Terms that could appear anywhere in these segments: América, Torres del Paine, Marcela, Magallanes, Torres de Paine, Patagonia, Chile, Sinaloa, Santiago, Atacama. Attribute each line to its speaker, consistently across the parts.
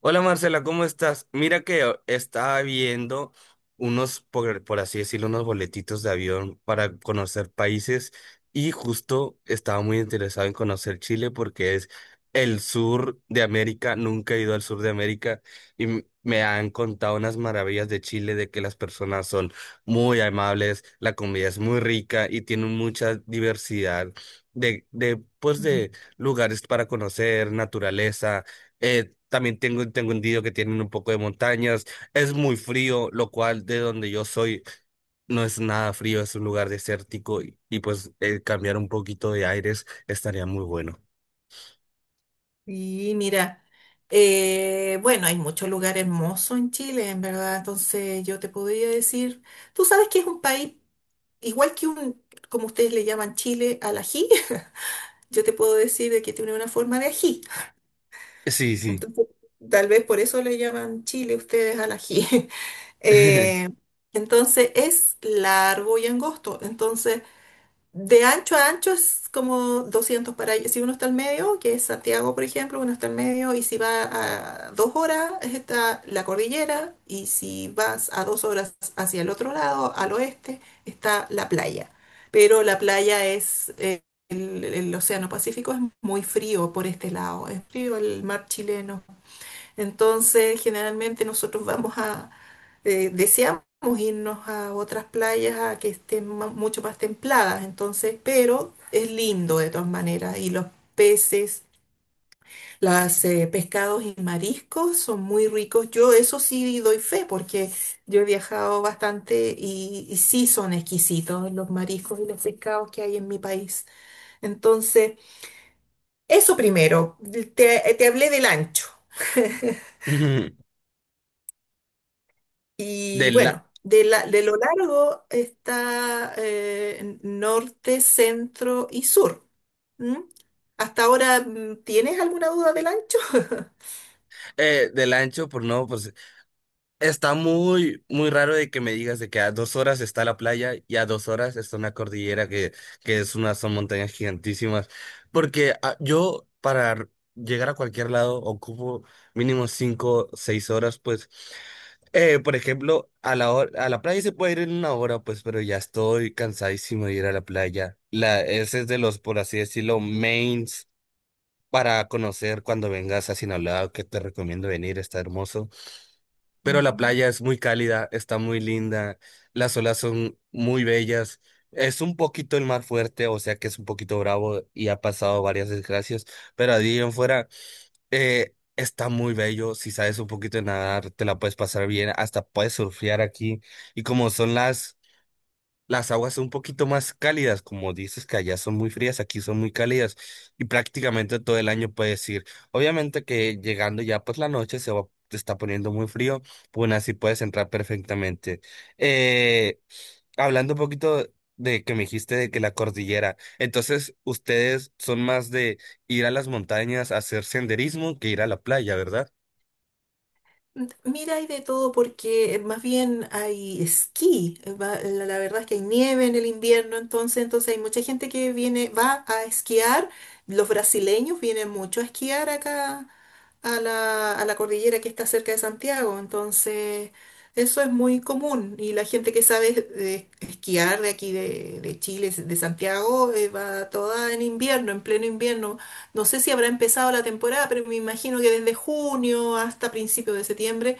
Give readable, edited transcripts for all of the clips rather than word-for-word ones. Speaker 1: Hola Marcela, ¿cómo estás? Mira que estaba viendo unos, por así decirlo, unos boletitos de avión para conocer países y justo estaba muy interesado en conocer Chile porque es el sur de América, nunca he ido al sur de América y me han contado unas maravillas de Chile, de que las personas son muy amables, la comida es muy rica y tienen mucha diversidad pues de lugares para conocer, naturaleza. También tengo entendido que tienen un poco de montañas. Es muy frío, lo cual de donde yo soy no es nada frío, es un lugar desértico y pues cambiar un poquito de aires estaría muy bueno.
Speaker 2: Y mira, bueno, hay muchos lugares hermosos en Chile, en verdad. Entonces yo te podría decir, tú sabes que es un país igual que un, como ustedes le llaman Chile al ají, yo te puedo decir de que tiene una forma de ají.
Speaker 1: Sí, sí.
Speaker 2: Entonces, tal vez por eso le llaman Chile ustedes al ají. Eh, entonces es largo y angosto. Entonces de ancho a ancho es como 200 para allá. Si uno está al medio, que es Santiago, por ejemplo, uno está al medio, y si va a 2 horas, está la cordillera, y si vas a 2 horas hacia el otro lado, al oeste, está la playa. Pero la playa es, el océano Pacífico es muy frío por este lado, es frío el mar chileno, entonces, generalmente nosotros vamos a, deseamos irnos a otras playas a que estén mucho más templadas, entonces, pero es lindo de todas maneras y los peces, los pescados y mariscos son muy ricos. Yo eso sí doy fe porque yo he viajado bastante y sí son exquisitos los mariscos y los pescados que hay en mi país. Entonces, eso primero, te hablé del ancho. Y
Speaker 1: Del, la-
Speaker 2: bueno, de, de lo largo está norte, centro y sur. ¿M? ¿Hasta ahora tienes alguna duda del ancho?
Speaker 1: del ancho, pues no. Pues está muy, muy raro de que me digas de que a 2 horas está la playa y a 2 horas está una cordillera que son montañas gigantísimas. Porque yo para llegar a cualquier lado ocupo mínimo 5, 6 horas, pues. Por ejemplo, a la playa se puede ir en 1 hora, pues, pero ya estoy cansadísimo de ir a la playa. Ese es de los, por así decirlo, mains para conocer cuando vengas a Sinaloa, que te recomiendo venir, está hermoso, pero la
Speaker 2: Ujú.
Speaker 1: playa es muy cálida, está muy linda, las olas son muy bellas. Es un poquito el mar fuerte, o sea que es un poquito bravo y ha pasado varias desgracias, pero allí en fuera está muy bello. Si sabes un poquito de nadar, te la puedes pasar bien, hasta puedes surfear aquí. Y como son las aguas son un poquito más cálidas, como dices que allá son muy frías, aquí son muy cálidas y prácticamente todo el año puedes ir. Obviamente que llegando ya pues la noche te está poniendo muy frío, pues aún así puedes entrar perfectamente. Eh, Hablando un poquito de que me dijiste de que la cordillera, entonces ustedes son más de ir a las montañas a hacer senderismo que ir a la playa, ¿verdad?
Speaker 2: Mira, hay de todo porque más bien hay esquí. La verdad es que hay nieve en el invierno, entonces, entonces hay mucha gente que viene, va a esquiar. Los brasileños vienen mucho a esquiar acá a la cordillera que está cerca de Santiago. Entonces, eso es muy común y la gente que sabe esquiar de aquí de Chile, de Santiago, va toda en invierno, en pleno invierno. No sé si habrá empezado la temporada, pero me imagino que desde junio hasta principios de septiembre.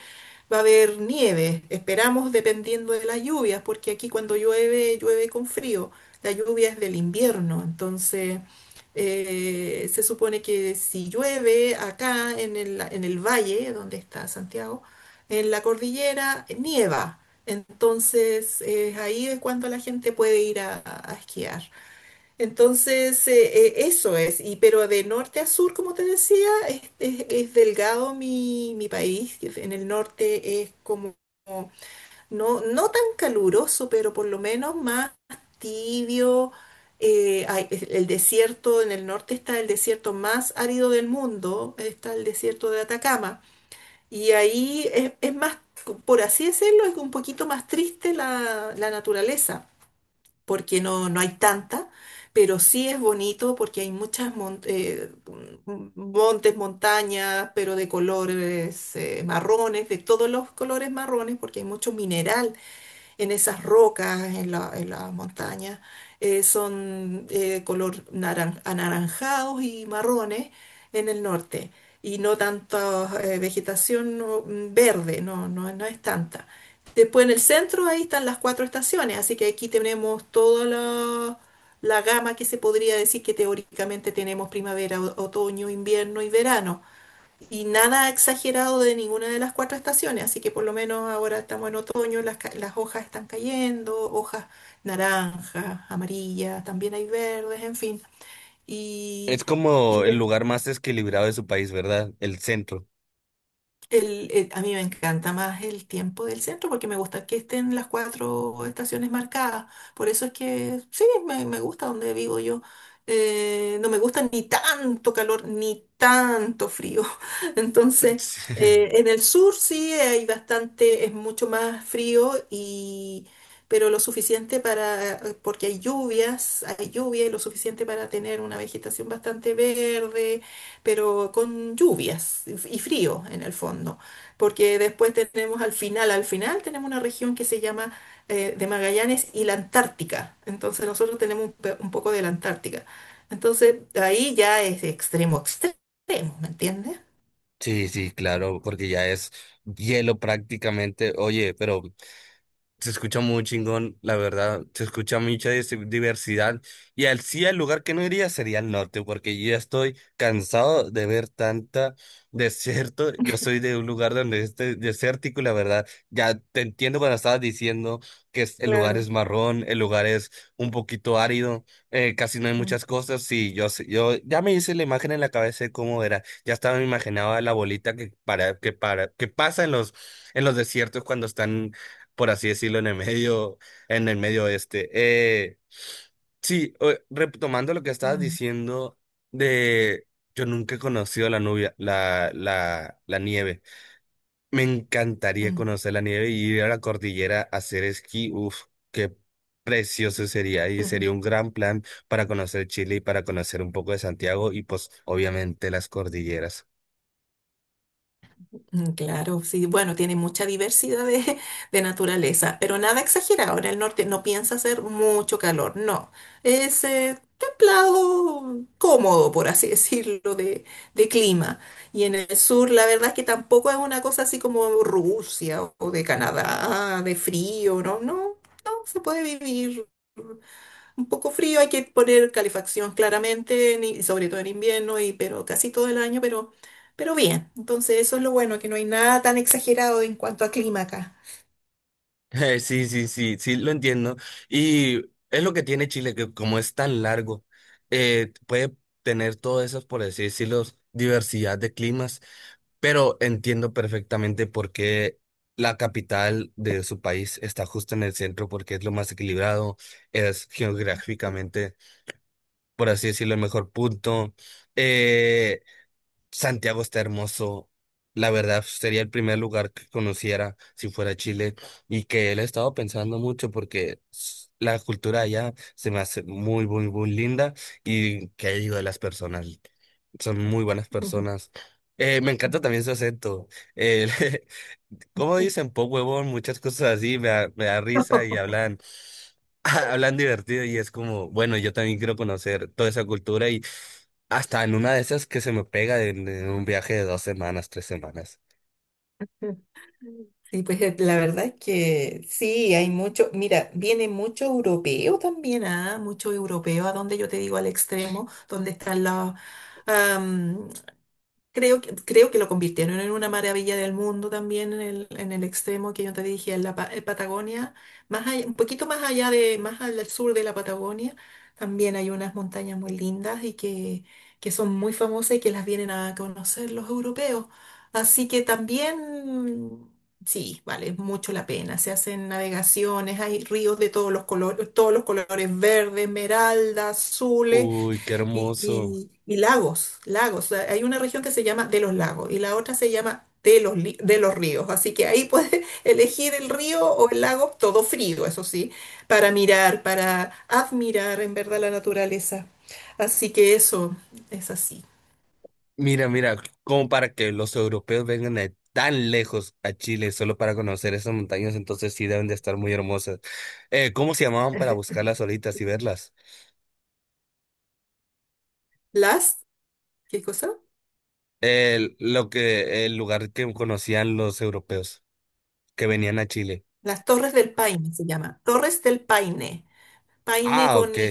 Speaker 2: Va a haber nieve, esperamos dependiendo de las lluvias, porque aquí cuando llueve, llueve con frío. La lluvia es del invierno, entonces se supone que si llueve acá en el valle donde está Santiago, en la cordillera nieva. Entonces, ahí es cuando la gente puede ir a esquiar. Entonces, eso es. Y, pero de norte a sur, como te decía, es, es delgado mi, mi país. En el norte es como no, no tan caluroso, pero por lo menos más tibio. El desierto, en el norte está el desierto más árido del mundo, está el desierto de Atacama. Y ahí es más, por así decirlo, es un poquito más triste la, la naturaleza, porque no, no hay tanta, pero sí es bonito porque hay muchas montes, montañas, pero de colores marrones, de todos los colores marrones, porque hay mucho mineral en esas rocas, en la, en las montañas, son color anaranjados y marrones en el norte. Y no tanta vegetación no, verde, no, no, no es tanta. Después en el centro ahí están las cuatro estaciones, así que aquí tenemos toda la, la gama que se podría decir que teóricamente tenemos primavera, otoño, invierno y verano y nada exagerado de ninguna de las cuatro estaciones, así que por lo menos ahora estamos en otoño, las, las hojas están cayendo, hojas naranjas, amarillas, también hay verdes, en fin.
Speaker 1: Es
Speaker 2: Y,
Speaker 1: como
Speaker 2: y
Speaker 1: el lugar más desequilibrado de su país, ¿verdad? El centro.
Speaker 2: A mí me encanta más el tiempo del centro porque me gusta que estén las cuatro estaciones marcadas. Por eso es que sí, me gusta donde vivo yo. No me gusta ni tanto calor ni tanto frío. Entonces, en el sur sí hay bastante, es mucho más frío y pero lo suficiente para, porque hay lluvias, hay lluvia y lo suficiente para tener una vegetación bastante verde pero con lluvias y frío en el fondo, porque después tenemos al final tenemos una región que se llama de Magallanes y la Antártica, entonces nosotros tenemos un, un poco de la Antártica, entonces ahí ya es extremo, extremo, ¿me entiendes?
Speaker 1: Sí, sí, claro, porque ya es hielo prácticamente. Oye, pero se escucha muy chingón, la verdad. Se escucha mucha diversidad. Y al sí, el lugar que no iría sería el norte, porque yo ya estoy cansado de ver tanta desierto. Yo soy de un lugar donde es desértico, y la verdad. Ya te entiendo cuando estabas diciendo que el lugar
Speaker 2: Claro.
Speaker 1: es marrón, el lugar es un poquito árido, casi no hay
Speaker 2: Mm,
Speaker 1: muchas cosas. Sí, yo, yo ya me hice la imagen en la cabeza de cómo era. Ya estaba, me imaginaba la bolita que pasa en los desiertos cuando están, por así decirlo, en el medio oeste. Sí, retomando lo que estabas
Speaker 2: mm,
Speaker 1: diciendo de yo nunca he conocido la nubia, la nieve. Me encantaría
Speaker 2: mm.
Speaker 1: conocer la nieve y ir a la cordillera a hacer esquí. Uf, qué precioso sería. Y sería un gran plan para conocer Chile y para conocer un poco de Santiago y pues obviamente las cordilleras.
Speaker 2: Mm, claro, sí, bueno, tiene mucha diversidad de, de naturaleza, pero nada exagerado. En el norte no piensa hacer mucho calor, no. Es templado, cómodo, por así decirlo, de clima. Y en el sur, la verdad es que tampoco es una cosa así como Rusia o de Canadá, de frío, no, no, no, se puede vivir. Un poco frío, hay que poner calefacción claramente, en y sobre todo en invierno, y, pero casi todo el año, pero bien. Entonces, eso es lo bueno, que no hay nada tan exagerado en cuanto a clima acá.
Speaker 1: Sí, sí, sí, sí, lo entiendo. Y es lo que tiene Chile, que como es tan largo, puede tener todas esas, por así decirlo, diversidad de climas, pero entiendo perfectamente por qué la capital de su país está justo en el centro, porque es lo más equilibrado, es geográficamente, por así decirlo, el mejor punto. Eh, Santiago está hermoso. La verdad, sería el primer lugar que conociera si fuera Chile y que él he estado pensando mucho porque la cultura allá se me hace muy, muy, muy linda y que digo de las personas, son muy buenas personas. Me encanta también su acento. Eh, Como dicen, po huevón, muchas cosas así, me da risa y hablan, hablan divertido y es como, bueno, yo también quiero conocer toda esa cultura y hasta en una de esas que se me pega en un viaje de 2 semanas, 3 semanas.
Speaker 2: Sí, pues la verdad es que sí, hay mucho, mira, viene mucho europeo también, ¿ah? Mucho europeo, a donde yo te digo al extremo, donde están las. Creo que lo convirtieron en una maravilla del mundo también en el extremo que yo te dije, en la en Patagonia, un poquito más allá de, más al sur de la Patagonia, también hay unas montañas muy lindas que son muy famosas y que las vienen a conocer los europeos. Así que también, sí, vale mucho la pena. Se hacen navegaciones, hay ríos de todos los colores, verde, esmeralda, azul
Speaker 1: Uy, qué hermoso.
Speaker 2: y lagos, lagos. O sea, hay una región que se llama de los lagos y la otra se llama de los, de los ríos. Así que ahí puedes elegir el río o el lago, todo frío, eso sí, para mirar, para admirar en verdad la naturaleza. Así que eso es así.
Speaker 1: Mira, mira, como para que los europeos vengan de tan lejos a Chile solo para conocer esas montañas, entonces sí deben de estar muy hermosas. ¿Cómo se llamaban para buscarlas ahorita y verlas?
Speaker 2: Las, ¿qué cosa?
Speaker 1: El lugar que conocían los europeos que venían a Chile.
Speaker 2: Las Torres del Paine se llama. Torres del Paine. Paine
Speaker 1: Ah,
Speaker 2: con
Speaker 1: ok.
Speaker 2: Y.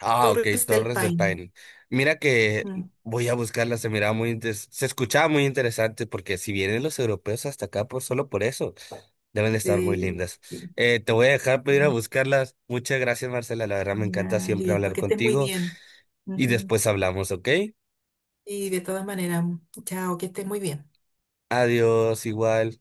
Speaker 1: Ah, ok,
Speaker 2: Torres del
Speaker 1: Torres de
Speaker 2: Paine.
Speaker 1: Paine. Mira que
Speaker 2: Mm,
Speaker 1: voy a buscarla, se miraba muy se escuchaba muy interesante, porque si vienen los europeos hasta acá por, solo por eso, deben de estar muy
Speaker 2: sí,
Speaker 1: lindas.
Speaker 2: sí,
Speaker 1: Te voy a dejar para
Speaker 2: sí.
Speaker 1: ir a buscarlas. Muchas gracias, Marcela, la verdad me encanta
Speaker 2: Ya,
Speaker 1: siempre
Speaker 2: listo,
Speaker 1: hablar
Speaker 2: que estés muy
Speaker 1: contigo
Speaker 2: bien.
Speaker 1: y
Speaker 2: Ujú.
Speaker 1: después hablamos, ¿ok?
Speaker 2: Y de todas maneras, chao, que estés muy bien.
Speaker 1: Adiós, igual.